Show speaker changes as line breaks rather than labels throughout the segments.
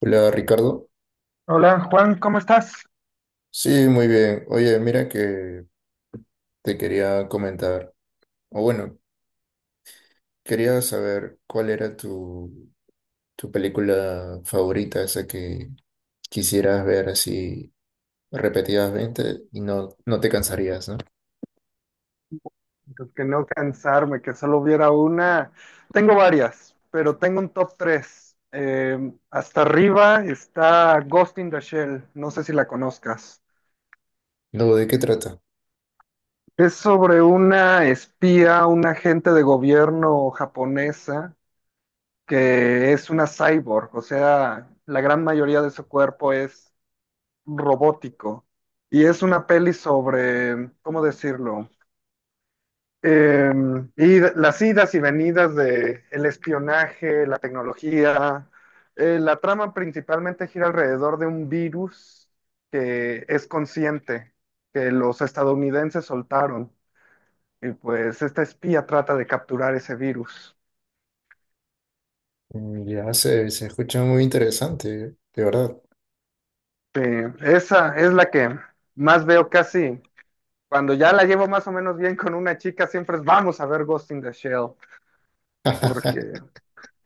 Hola Ricardo.
Hola Juan, ¿cómo estás?
Sí, muy bien. Oye, mira que te quería comentar, o bueno, quería saber cuál era tu película favorita, esa que quisieras ver así repetidamente y no, no te cansarías, ¿no?
Pues que no cansarme, que solo hubiera una. Tengo varias, pero tengo un top 3. Hasta arriba está Ghost in the Shell, no sé si la conozcas.
No, ¿de qué trata?
Es sobre una espía, una agente de gobierno japonesa que es una cyborg, o sea, la gran mayoría de su cuerpo es robótico. Y es una peli sobre, ¿cómo decirlo? Eh, y las idas y venidas de el espionaje, la tecnología. La trama principalmente gira alrededor de un virus que es consciente, que los estadounidenses soltaron. Y pues esta espía trata de capturar ese virus.
Mm, ya se escucha muy interesante, de verdad.
Sí, esa es la que más veo casi. Cuando ya la llevo más o menos bien con una chica, siempre es vamos a ver Ghost in the Shell, porque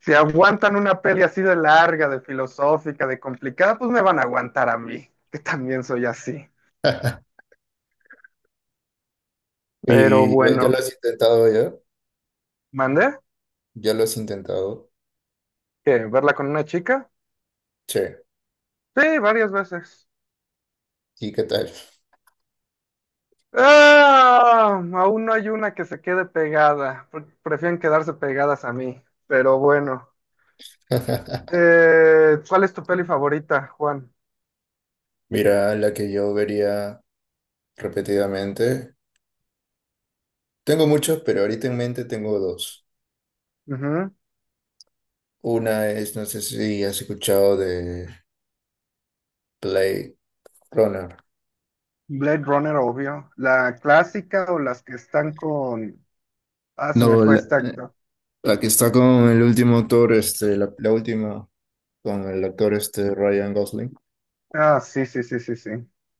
si aguantan una peli así de larga, de filosófica, de complicada, pues me van a aguantar a mí, que también soy así. Pero
¿Y ya, ya lo
bueno,
has intentado ya?
¿mandé?
¿Ya lo has intentado?
¿Qué? ¿Verla con una chica?
Che,
Sí, varias veces.
¿y qué tal?
¡Ah! Aún no hay una que se quede pegada. Prefieren quedarse pegadas a mí. Pero bueno. ¿Cuál es tu peli favorita, Juan?
Mira, la que yo vería repetidamente. Tengo muchos, pero ahorita en mente tengo dos.
Ujú.
Una es, no sé si has escuchado de Blade Runner.
Blade Runner, obvio. ¿La clásica o las que están con... Ah, se me
No,
fue
la,
esta.
la que está con el último actor, este, la última, con el actor este Ryan Gosling.
Ah, sí, sí, sí, sí, sí.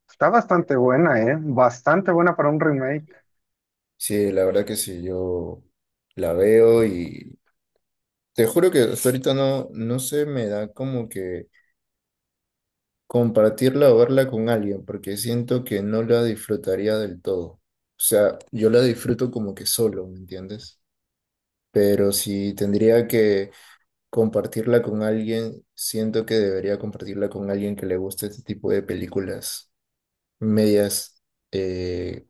Está bastante buena, ¿eh? Bastante buena para un remake.
Sí, la verdad que sí, yo la veo y te juro que hasta ahorita no, no se me da como que compartirla o verla con alguien, porque siento que no la disfrutaría del todo. O sea, yo la disfruto como que solo, ¿me entiendes? Pero si tendría que compartirla con alguien, siento que debería compartirla con alguien que le guste este tipo de películas medias eh,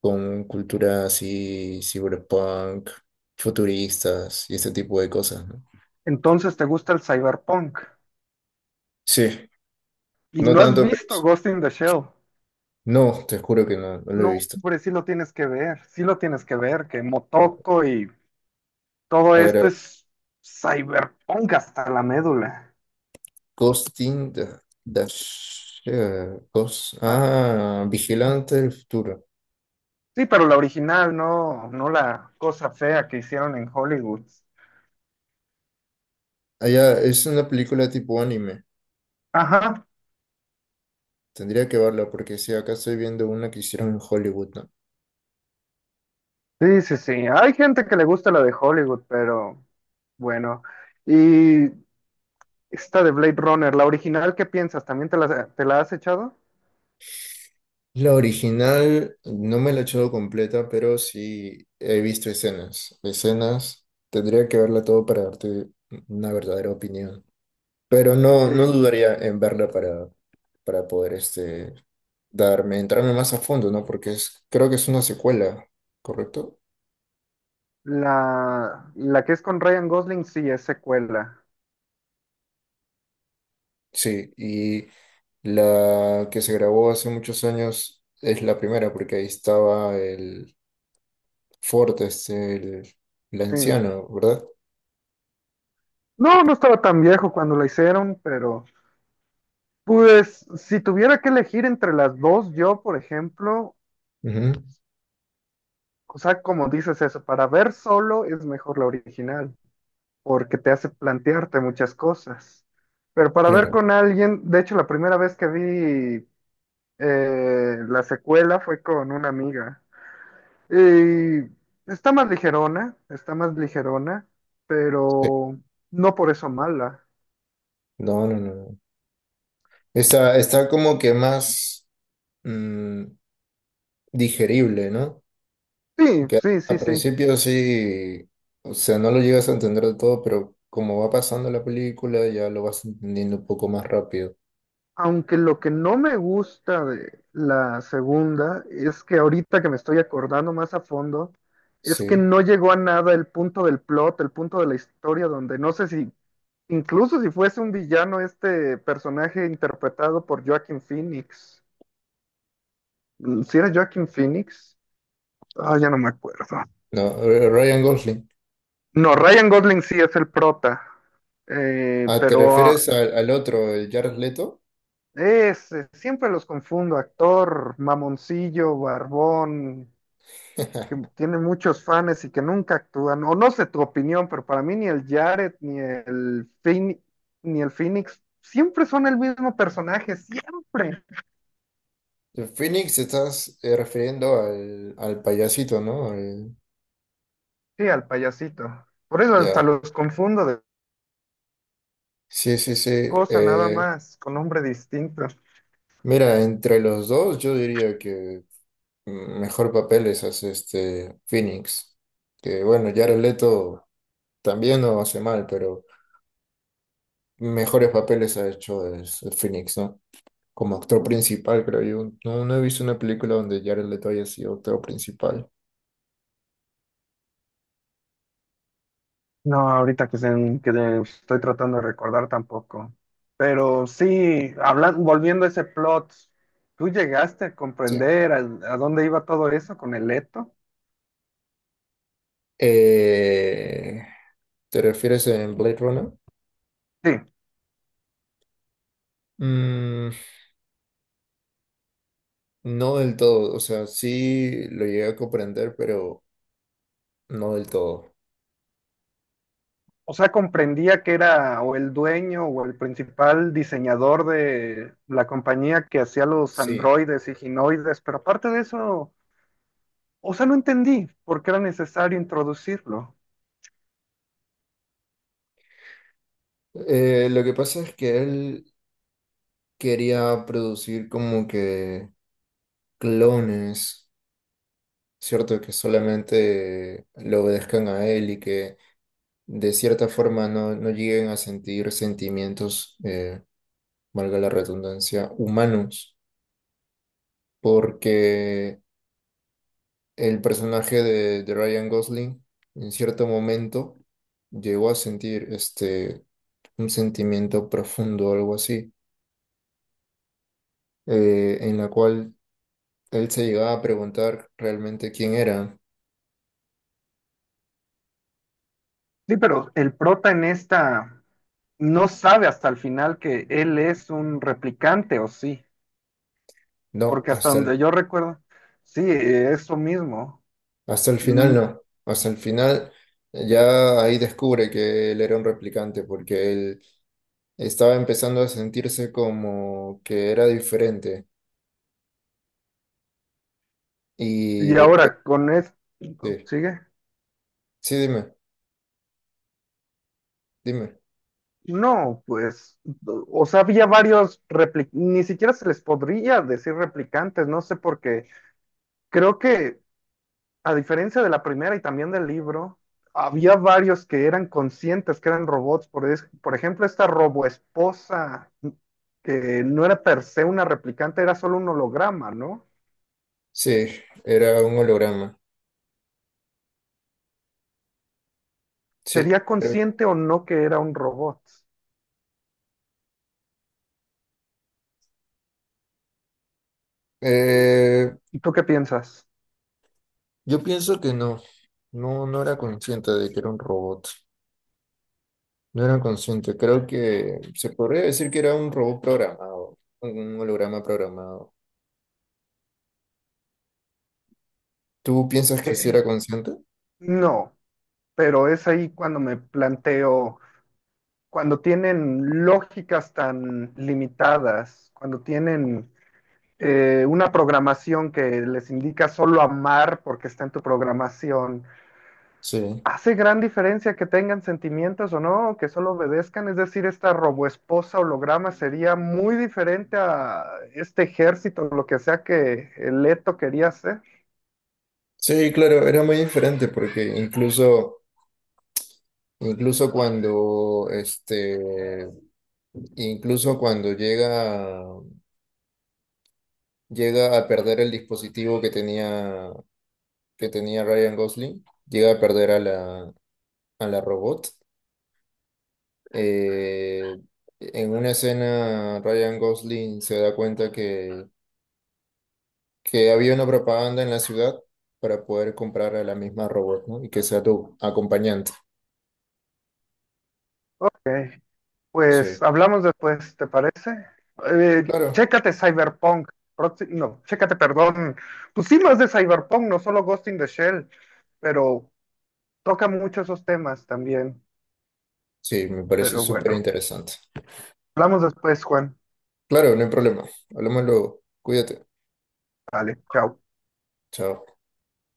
con cultura así, cyberpunk, futuristas y este tipo de cosas, ¿no?
Entonces, ¿te gusta el cyberpunk?
Sí,
¿Y
no
no has
tanto, pero
visto
sí.
Ghost in the Shell?
No, te juro que no, no lo he
No,
visto.
hombre, sí lo tienes que ver, sí lo tienes que ver, que
A
Motoko y todo
a
esto
ver.
es cyberpunk hasta la médula.
Costing the, the Shell, Cos-
Ajá.
ah, Vigilante del Futuro.
Sí, pero la original, no, no la cosa fea que hicieron en Hollywood.
Ah, ya, es una película tipo anime.
Ajá,
Tendría que verla porque si acá estoy viendo una que hicieron en Hollywood, ¿no?
sí, sí, sí. Hay gente que le gusta la de Hollywood, pero bueno. Y esta de Blade Runner, la original, ¿qué piensas? ¿También te la has echado?
La original no me la he echado completa, pero sí he visto escenas. Escenas, tendría que verla todo para darte una verdadera opinión. Pero no, no
Ye-
dudaría en verla para poder este, darme, entrarme más a fondo, ¿no? Porque es, creo que es una secuela, ¿correcto?
La, la que es con Ryan Gosling, sí, es secuela.
Sí, y la que se grabó hace muchos años es la primera, porque ahí estaba el Ford, este, el
Sí.
anciano, ¿verdad?
No, no estaba tan viejo cuando la hicieron, pero pues si tuviera que elegir entre las dos, yo, por ejemplo,
Ujú.
o sea, como dices eso, para ver solo es mejor la original, porque te hace plantearte muchas cosas. Pero para ver
Claro.
con alguien, de hecho, la primera vez que vi la secuela fue con una amiga. Eh, Está más ligerona, está más ligerona,
Sí.
pero no por eso mala.
No, no, no. No. Está, está como que más mm, digerible, ¿no?
Sí,
Que
sí,
a
sí, sí.
principio sí, o sea, no lo llegas a entender de todo, pero como va pasando la película, ya lo vas entendiendo un poco más rápido.
Aunque lo que no me gusta de la segunda es que ahorita que me estoy acordando más a fondo, es que
Sí.
no llegó a nada el punto del plot, el punto de la historia, donde no sé si, incluso si fuese un villano este personaje interpretado por Joaquin Phoenix. ¿Si era Joaquin Phoenix? Ah, ya no me acuerdo.
No, Ryan Gosling.
No, Ryan Gosling sí es el prota, eh,
Ah, ¿te
pero ah,
refieres al, al otro, el Jared Leto?
es, siempre los confundo, actor, mamoncillo, barbón, que tiene muchos fans y que nunca actúan, o no sé tu opinión, pero para mí ni el Jared, ni el Phoenix, siempre son el mismo personaje, siempre,
El Phoenix, estás refiriendo al, al payasito, ¿no? Al-
sí, al payasito. Por eso hasta
ya.
los confundo de
Sí, sí, sí.
cosa, nada
Eh,
más, con nombre distinto.
Mira, entre los dos, yo diría que mejor papeles hace este Phoenix. Que bueno, Jared Leto también no hace mal, pero mejores papeles ha hecho el Phoenix, ¿no? Como actor principal, creo yo. No, no he visto una película donde Jared Leto haya sido actor principal.
No, ahorita que estoy tratando de recordar tampoco. Pero sí, volviendo a ese plot, ¿tú llegaste a
Sí.
comprender a dónde iba todo eso con el Leto?
Eh, ¿te refieres en Blade Runner?
Sí,
Mm, no del todo, o sea, sí lo llegué a comprender, pero no del todo.
o sea, comprendía que era o el dueño o el principal diseñador de la compañía que hacía los
Sí.
androides y ginoides, pero aparte de eso, o sea, no entendí por qué era necesario introducirlo.
Lo que pasa es que él quería producir como que clones, ¿cierto? Que solamente le obedezcan a él y que de cierta forma no, no lleguen a sentir sentimientos, valga la redundancia, humanos. Porque el personaje de Ryan Gosling en cierto momento llegó a sentir este, un sentimiento profundo, algo así, en la cual él se llegaba a preguntar realmente quién era.
Sí, pero el prota en esta no sabe hasta el final que él es un replicante, o sí,
No,
porque hasta donde yo recuerdo, sí, eso mismo.
hasta el final
Mm,
no. Hasta el final ya ahí descubre que él era un replicante porque él estaba empezando a sentirse como que era diferente. Y
y
después,
ahora con esto,
sí,
¿sigue?
sí, dime, dime.
No, pues, o sea, había varios replicantes, ni siquiera se les podría decir replicantes, no sé por qué. Creo que a diferencia de la primera y también del libro, había varios que eran conscientes que eran robots. Por ejemplo, esta roboesposa, que no era per se una replicante, era solo un holograma, ¿no?
Sí, era un holograma. Sí,
¿Sería
eh,
consciente o no que era un robot?
eh,
¿Y tú qué piensas?
yo pienso que no, no, no era consciente de que era un robot, no era consciente, creo que se podría decir que era un robot programado, un holograma programado. ¿Tú piensas que sí
Eh,
era consciente?
no, pero es ahí cuando me planteo, cuando tienen lógicas tan limitadas, cuando tienen una programación que les indica solo amar porque está en tu programación,
Sí,
¿hace gran diferencia que tengan sentimientos o no? Que solo obedezcan, es decir, esta roboesposa holograma sería muy diferente a este ejército, lo que sea que Leto quería hacer.
sí, claro, era muy diferente porque incluso, incluso cuando, este, incluso cuando llega, llega a perder el dispositivo que tenía Ryan Gosling, llega a perder a la robot. Eh, en una escena, Ryan Gosling se da cuenta que había una propaganda en la ciudad para poder comprar a la misma robot, ¿no? Y que sea tu acompañante.
Ok,
Sí,
pues hablamos después, ¿te parece?
claro.
Chécate Cyberpunk. No, chécate, perdón. Pues sí, más de Cyberpunk, no solo Ghost in the Shell, pero toca mucho esos temas también.
Sí, me parece
Pero
súper
bueno,
interesante.
hablamos después, Juan.
Claro, no hay problema. Hablamos luego. Cuídate.
Vale, chao.
Chao.